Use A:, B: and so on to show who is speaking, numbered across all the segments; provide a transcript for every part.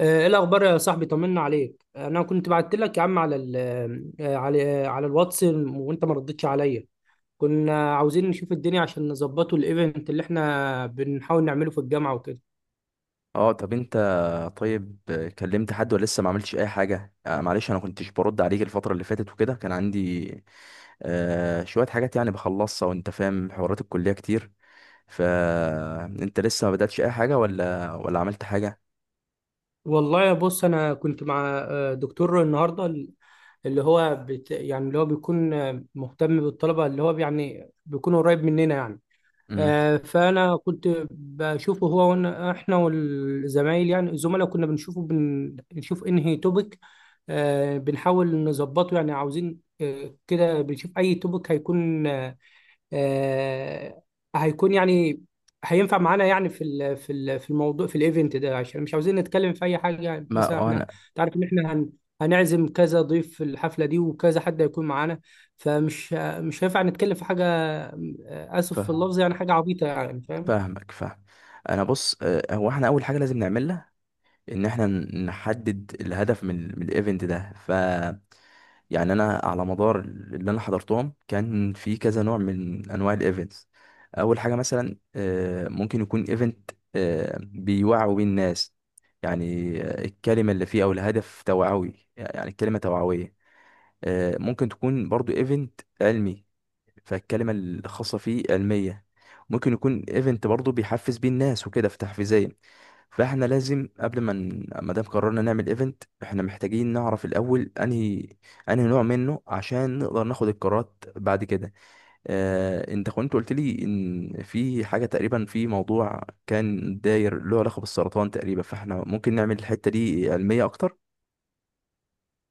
A: ايه الاخبار يا صاحبي؟ طمنا عليك. انا كنت بعت لك يا عم على ال آه، على آه، على الواتس وانت ما ردتش عليا. كنا عاوزين نشوف الدنيا عشان نظبطه الايفنت اللي احنا بنحاول نعمله في الجامعه وكده.
B: اه، طب انت، طيب، كلمت حد ولا لسه ما عملتش اي حاجه؟ آه، معلش، انا كنتش برد عليك الفتره اللي فاتت وكده، كان عندي شويه حاجات يعني بخلصها، وانت فاهم، حوارات الكليه كتير. فانت لسه ما بداتش اي حاجه ولا عملت حاجه؟
A: والله يا بص، انا كنت مع دكتور النهارده، اللي هو يعني اللي هو بيكون مهتم بالطلبه، اللي هو يعني بيكون قريب مننا يعني.
B: امم.
A: فانا كنت بشوفه هو وانا احنا والزمايل، يعني الزملاء كنا بنشوفه، بنشوف انهي توبيك، بنحاول نظبطه. يعني عاوزين كده بنشوف اي توبيك هيكون آه، هيكون يعني هينفع معانا يعني في في الموضوع في الايفنت ده، عشان مش عاوزين نتكلم في اي حاجه. يعني
B: ما
A: مثلا
B: اه
A: احنا
B: انا
A: تعرف ان احنا هنعزم كذا ضيف في الحفله دي وكذا حد هيكون معانا، فمش مش هينفع نتكلم في حاجه، اسف في
B: فاهم،
A: اللفظ، يعني حاجه عبيطه، يعني فاهم.
B: فاهمك. انا بص، هو احنا اول حاجه لازم نعملها ان احنا نحدد الهدف من من الايفنت ده. يعني انا على مدار اللي انا حضرتهم، كان في كذا نوع من انواع الايفنتس. اول حاجه مثلا، ممكن يكون ايفنت بيوعوا بيه الناس، يعني الكلمه اللي فيه او الهدف توعوي، يعني الكلمه توعويه. ممكن تكون برضو ايفنت علمي، فالكلمة الخاصة فيه علمية. ممكن يكون ايفنت برضه بيحفز بيه الناس وكده، في تحفيزيا. فاحنا لازم قبل ما ما دام قررنا نعمل ايفنت، احنا محتاجين نعرف الاول انهي نوع منه، عشان نقدر ناخد القرارات بعد كده. اه، انت كنت قلت لي ان في حاجة تقريبا، في موضوع كان داير له علاقة بالسرطان تقريبا، فاحنا ممكن نعمل الحتة دي علمية اكتر.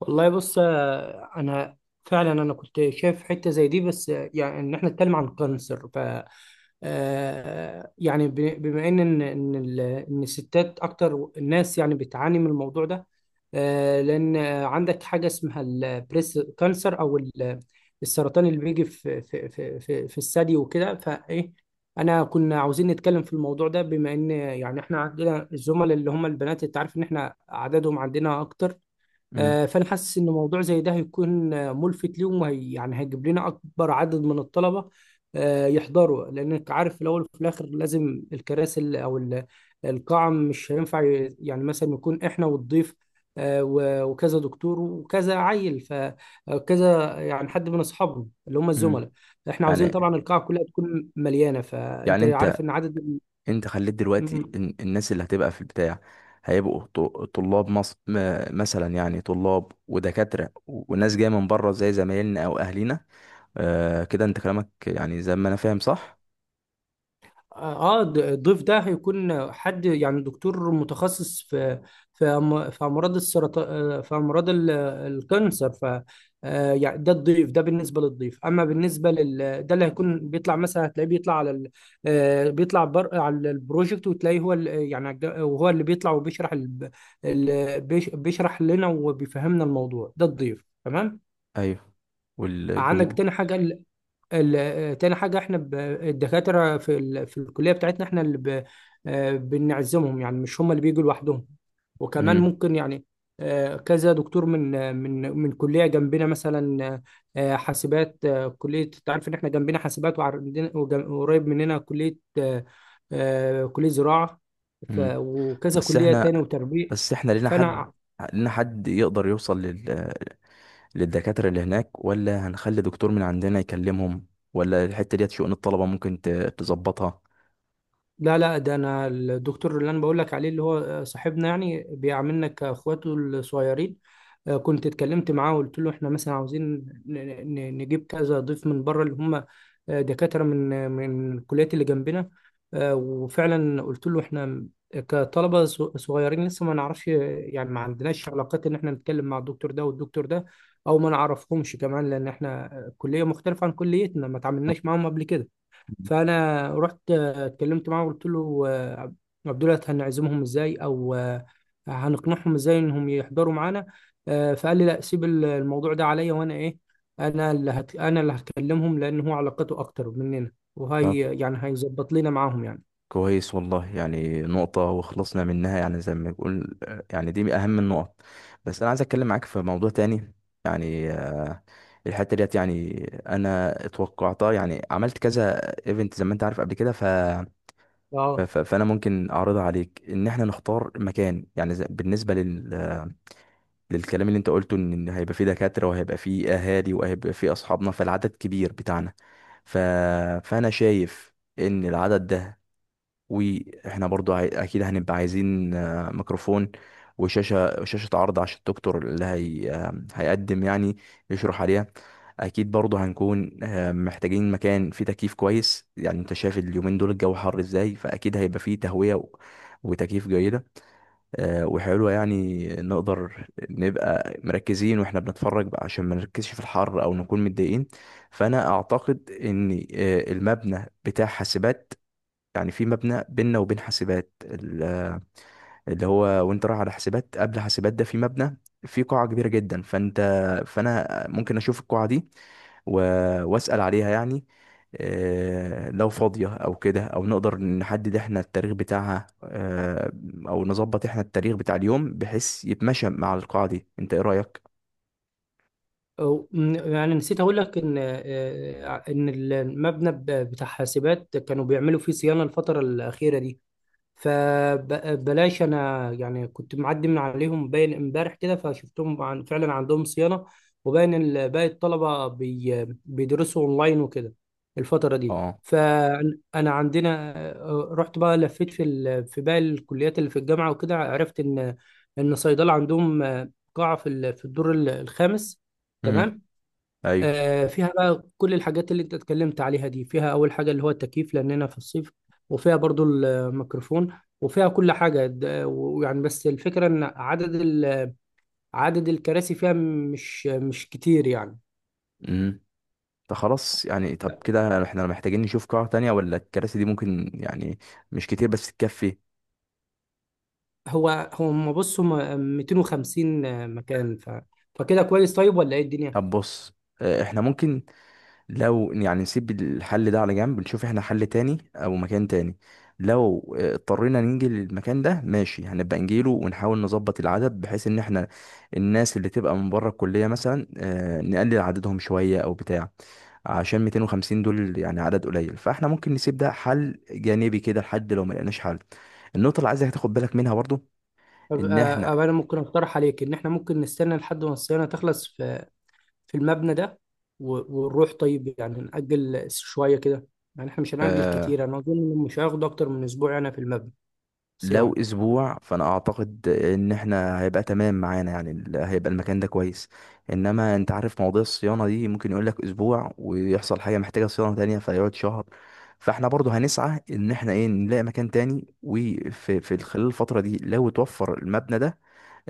A: والله بص، انا فعلا انا كنت شايف حته زي دي، بس يعني ان احنا نتكلم عن الكانسر. ف آه، يعني ب- بما ان إن الستات اكتر الناس يعني بتعاني من الموضوع ده، لان عندك حاجه اسمها البريس كانسر، او السرطان اللي بيجي في الثدي وكده. فايه، انا كنا عاوزين نتكلم في الموضوع ده، بما ان يعني احنا عندنا الزملاء اللي هم البنات، انت عارف ان احنا عددهم عندنا اكتر.
B: مم.
A: فانا حاسس ان موضوع زي ده هيكون ملفت ليهم، وهي يعني هيجيب لنا اكبر عدد من الطلبه يحضروا. لانك عارف في الاول وفي الاخر لازم الكراسي القاعه مش هينفع يعني مثلا يكون احنا والضيف وكذا دكتور وكذا عيل، فكذا يعني حد من اصحابنا اللي هم
B: مم.
A: الزملاء. احنا عاوزين
B: يعني
A: طبعا القاعه كلها تكون مليانه، فانت
B: يعني
A: عارف
B: انت
A: ان
B: انت خليت دلوقتي
A: عدد.
B: الناس اللي هتبقى في البتاع، طلاب مصر، مثلا يعني طلاب ودكاترة وناس جاية من بره زي زمايلنا او اهلينا. آه، كده انت كلامك يعني زي ما انا فاهم، صح؟
A: اه الضيف ده هيكون حد يعني دكتور متخصص في في امراض السرطان، في امراض الكانسر. ف يعني ده الضيف، ده بالنسبه للضيف. اما بالنسبه لل ده، اللي هيكون بيطلع، مثلا هتلاقيه بيطلع على ال... آه، بيطلع بر... على البروجكت، وتلاقيه هو وهو اللي بيطلع وبيشرح بيشرح لنا وبيفهمنا الموضوع ده، الضيف تمام.
B: ايوه،
A: عندك
B: والجمهور؟
A: تاني تاني حاجة، احنا الدكاترة في في الكلية بتاعتنا احنا اللي ب... آه، بنعزمهم، يعني مش هم اللي بيجوا لوحدهم. وكمان
B: امم.
A: ممكن يعني كذا دكتور من من كلية جنبنا، مثلا حاسبات، كلية، انت عارف ان احنا جنبنا حاسبات، وعندنا وقريب مننا كلية كلية زراعة، ف...
B: امم.
A: وكذا
B: بس
A: كلية تاني
B: احنا
A: وتربية.
B: بس احنا
A: فانا
B: لينا حد يقدر يوصل للدكاترة اللي هناك، ولا هنخلي دكتور من عندنا يكلمهم، ولا الحتة ديت شؤون الطلبة ممكن تظبطها؟
A: لا لا، ده انا الدكتور اللي انا بقول لك عليه، اللي هو صاحبنا، يعني بيعاملنا كاخواته الصغيرين. كنت اتكلمت معاه وقلت له احنا مثلا عاوزين نجيب كذا ضيف من بره، اللي هم دكاتره من الكليات اللي جنبنا. وفعلا قلت له احنا كطلبه صغيرين لسه، ما نعرفش يعني، ما عندناش علاقات ان احنا نتكلم مع الدكتور ده والدكتور ده، او ما نعرفهم كمان، لان احنا كليه مختلفه عن كليتنا، ما تعاملناش معاهم قبل كده. فانا رحت اتكلمت معاه وقلت له عبد الله، هنعزمهم ازاي، او هنقنعهم ازاي انهم يحضروا معانا. فقال لي لا، سيب الموضوع ده عليا، وانا ايه، انا انا اللي هكلمهم، لان هو علاقته اكتر مننا، وهي يعني هيظبط لنا معاهم يعني.
B: كويس، والله يعني نقطة وخلصنا منها، يعني زي ما بنقول، يعني دي من أهم النقط. بس أنا عايز أتكلم معاك في موضوع تاني، يعني الحتة ديت يعني أنا اتوقعتها، يعني عملت كذا ايفنت زي ما أنت عارف قبل كده.
A: اه
B: فأنا ممكن أعرضها عليك. إن إحنا نختار مكان، يعني زي، بالنسبة للكلام اللي أنت قلته، إن هيبقى فيه دكاترة وهيبقى فيه أهالي وهيبقى فيه أصحابنا، فالعدد كبير بتاعنا. ف... فأنا شايف إن العدد ده، واحنا برضو اكيد هنبقى عايزين ميكروفون، شاشة عرض عشان الدكتور اللي هي... آه، هيقدم، يعني يشرح عليها. اكيد برضو هنكون محتاجين مكان فيه تكييف كويس. يعني انت شايف اليومين دول الجو حر ازاي، فاكيد هيبقى فيه تهوية وتكييف جيدة وحلوة، يعني نقدر نبقى مركزين واحنا بنتفرج بقى، عشان ما نركزش في الحر او نكون متضايقين. فانا اعتقد ان المبنى بتاع حاسبات، يعني في مبنى بيننا وبين حاسبات، اللي هو وانت رايح على حاسبات، قبل حاسبات ده في مبنى، في قاعة كبيرة جدا. فانا ممكن اشوف القاعة دي و... واسأل عليها، يعني لو فاضية او كده، او نقدر نحدد احنا التاريخ بتاعها، او نظبط احنا التاريخ بتاع اليوم بحيث يتمشى مع القاعة دي. انت ايه رأيك؟
A: يعني نسيت اقول لك ان ان المبنى بتاع حاسبات كانوا بيعملوا فيه صيانة الفترة الأخيرة دي، فبلاش. انا يعني كنت معدي من عليهم باين امبارح كده، فشفتهم عن فعلا عندهم صيانه، وباين باقي الطلبه بيدرسوا اونلاين وكده الفتره دي.
B: اه.
A: فانا عندنا رحت بقى لفيت في في باقي الكليات اللي في الجامعه وكده، عرفت ان ان صيدله عندهم قاعه في الدور الخامس،
B: مم.
A: تمام.
B: ايوه.
A: فيها بقى كل الحاجات اللي انت اتكلمت عليها دي، فيها اول حاجة اللي هو التكييف لاننا في الصيف، وفيها برضو الميكروفون، وفيها كل حاجة. ويعني بس الفكرة ان عدد الكراسي فيها مش كتير يعني.
B: امم. طب خلاص، يعني طب كده احنا محتاجين نشوف قاعة تانية، ولا الكراسي دي ممكن، يعني مش كتير بس تكفي؟
A: هو هو ما بص، هم 250 مكان. ف فكده كويس، طيب، ولا ايه الدنيا؟
B: طب بص، احنا ممكن، لو يعني نسيب الحل ده على جنب، نشوف احنا حل تاني او مكان تاني. لو اضطرينا نيجي للمكان ده ماشي، هنبقى نجيله ونحاول نظبط العدد، بحيث ان احنا الناس اللي تبقى من بره الكلية مثلا نقلل عددهم شوية او بتاع، عشان 250 دول يعني عدد قليل. فاحنا ممكن نسيب ده حل جانبي كده، لحد لو ما لقيناش حل. النقطة اللي عايزك تاخد بالك منها برضو
A: طب
B: ان احنا،
A: أبقى انا ممكن اقترح عليك ان احنا ممكن نستنى لحد ما الصيانة تخلص في في المبنى ده ونروح. طيب يعني نأجل شوية كده، يعني احنا مش هنأجل
B: آه،
A: كتير، انا اظن إنه مش هياخد اكتر من اسبوع انا في المبنى
B: لو
A: صيام.
B: اسبوع فانا اعتقد ان احنا هيبقى تمام معانا، يعني هيبقى المكان ده كويس. انما انت عارف مواضيع الصيانة دي، ممكن يقول لك اسبوع ويحصل حاجة محتاجة صيانة تانية فيقعد شهر. فاحنا برضو هنسعى ان احنا ايه، نلاقي مكان تاني، وفي خلال الفترة دي لو توفر المبنى ده،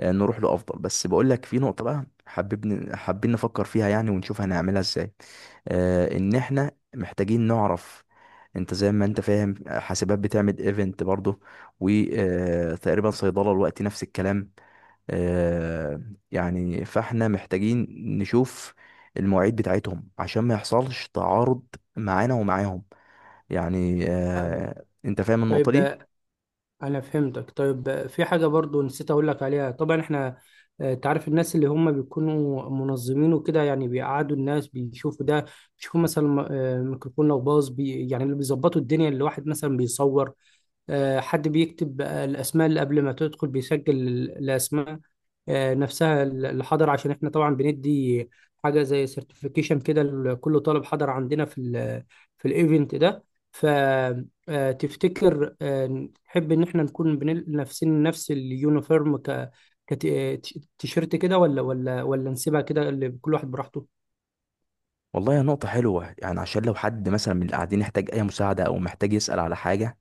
B: نروح له افضل. بس بقول لك، في نقطه بقى حابين نفكر فيها، يعني ونشوف هنعملها ازاي. ان احنا محتاجين نعرف، انت زي ما انت فاهم حاسبات بتعمل ايفنت برضه، وتقريبا صيدله الوقت نفس الكلام. آه، يعني فاحنا محتاجين نشوف المواعيد بتاعتهم عشان ما يحصلش تعارض معانا ومعاهم. يعني
A: آه،
B: انت فاهم النقطه
A: طيب
B: دي؟
A: انا فهمتك. طيب في حاجة برضو نسيت اقول لك عليها، طبعا احنا تعرف الناس اللي هم بيكونوا منظمين وكده، يعني بيقعدوا الناس بيشوفوا ده، بيشوفوا مثلا ميكروفون لو باظ، يعني اللي بيظبطوا الدنيا، اللي واحد مثلا بيصور، حد بيكتب الأسماء اللي قبل ما تدخل بيسجل الأسماء نفسها اللي حضر، عشان احنا طبعا بندي حاجة زي سيرتيفيكيشن كده لكل طالب حضر عندنا في ال في الايفنت ده. فتفتكر تحب ان احنا نكون لابسين نفس اليونيفورم، كتيشيرت كده، ولا نسيبها كده اللي كل واحد براحته.
B: والله يا نقطة حلوة، يعني عشان لو حد مثلا من اللي قاعدين يحتاج أي مساعدة أو محتاج يسأل على حاجة،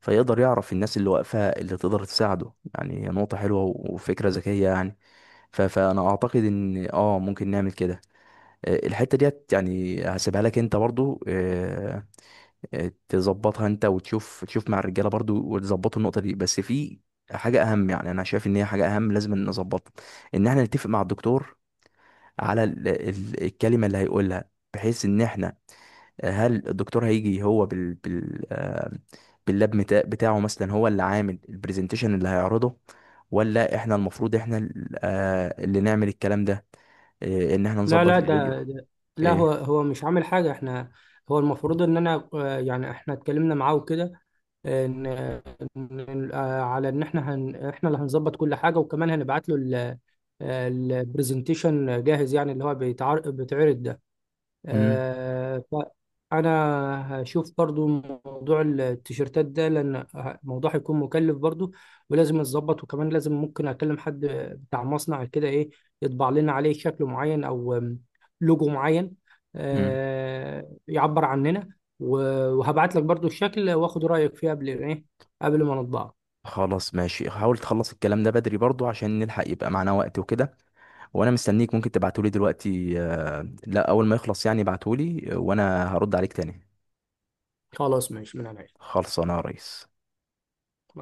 B: فيقدر يعرف الناس اللي واقفة اللي تقدر تساعده. يعني هي نقطة حلوة وفكرة ذكية يعني. فأنا أعتقد إن آه ممكن نعمل كده. الحتة ديت يعني هسيبها لك أنت برضو، تظبطها أنت وتشوف، تشوف مع الرجالة برضو وتظبطوا النقطة دي. بس في حاجة أهم، يعني أنا شايف إن هي حاجة أهم لازم نظبطها، إن إحنا نتفق مع الدكتور على الكلمة اللي هيقولها، بحيث إن إحنا هل الدكتور هيجي هو بتاعه مثلا، هو اللي عامل البرزنتيشن اللي هيعرضه، ولا احنا المفروض احنا اللي نعمل الكلام ده، إيه، ان احنا
A: لا
B: نظبط
A: لا ده,
B: الفيديو؟
A: ده لا، هو
B: ايه.
A: هو مش عامل حاجة احنا، هو المفروض ان انا يعني احنا اتكلمنا معاه وكده ان على ان احنا احنا اللي هنظبط كل حاجة، وكمان هنبعت له البرزنتيشن جاهز، يعني اللي هو بيتعرض ده.
B: امم.
A: آه، فأنا هشوف برضو موضوع التيشيرتات ده، لأن الموضوع هيكون مكلف برضو ولازم أتظبط، وكمان لازم ممكن أكلم حد بتاع مصنع كده، إيه، يطبع لنا عليه شكل معين، أو لوجو معين
B: امم.
A: يعبر عننا. وهبعت لك برضو الشكل وآخد رأيك فيه قبل إيه، قبل ما نطبعه.
B: خلاص ماشي، حاول تخلص الكلام ده بدري برضو عشان نلحق يبقى معانا وقت وكده. وانا مستنيك، ممكن تبعتولي دلوقتي، لا اول ما يخلص يعني ابعتولي، وانا هرد عليك تاني.
A: خلاص ماشي من عينيا.
B: خلصانه يا ريس.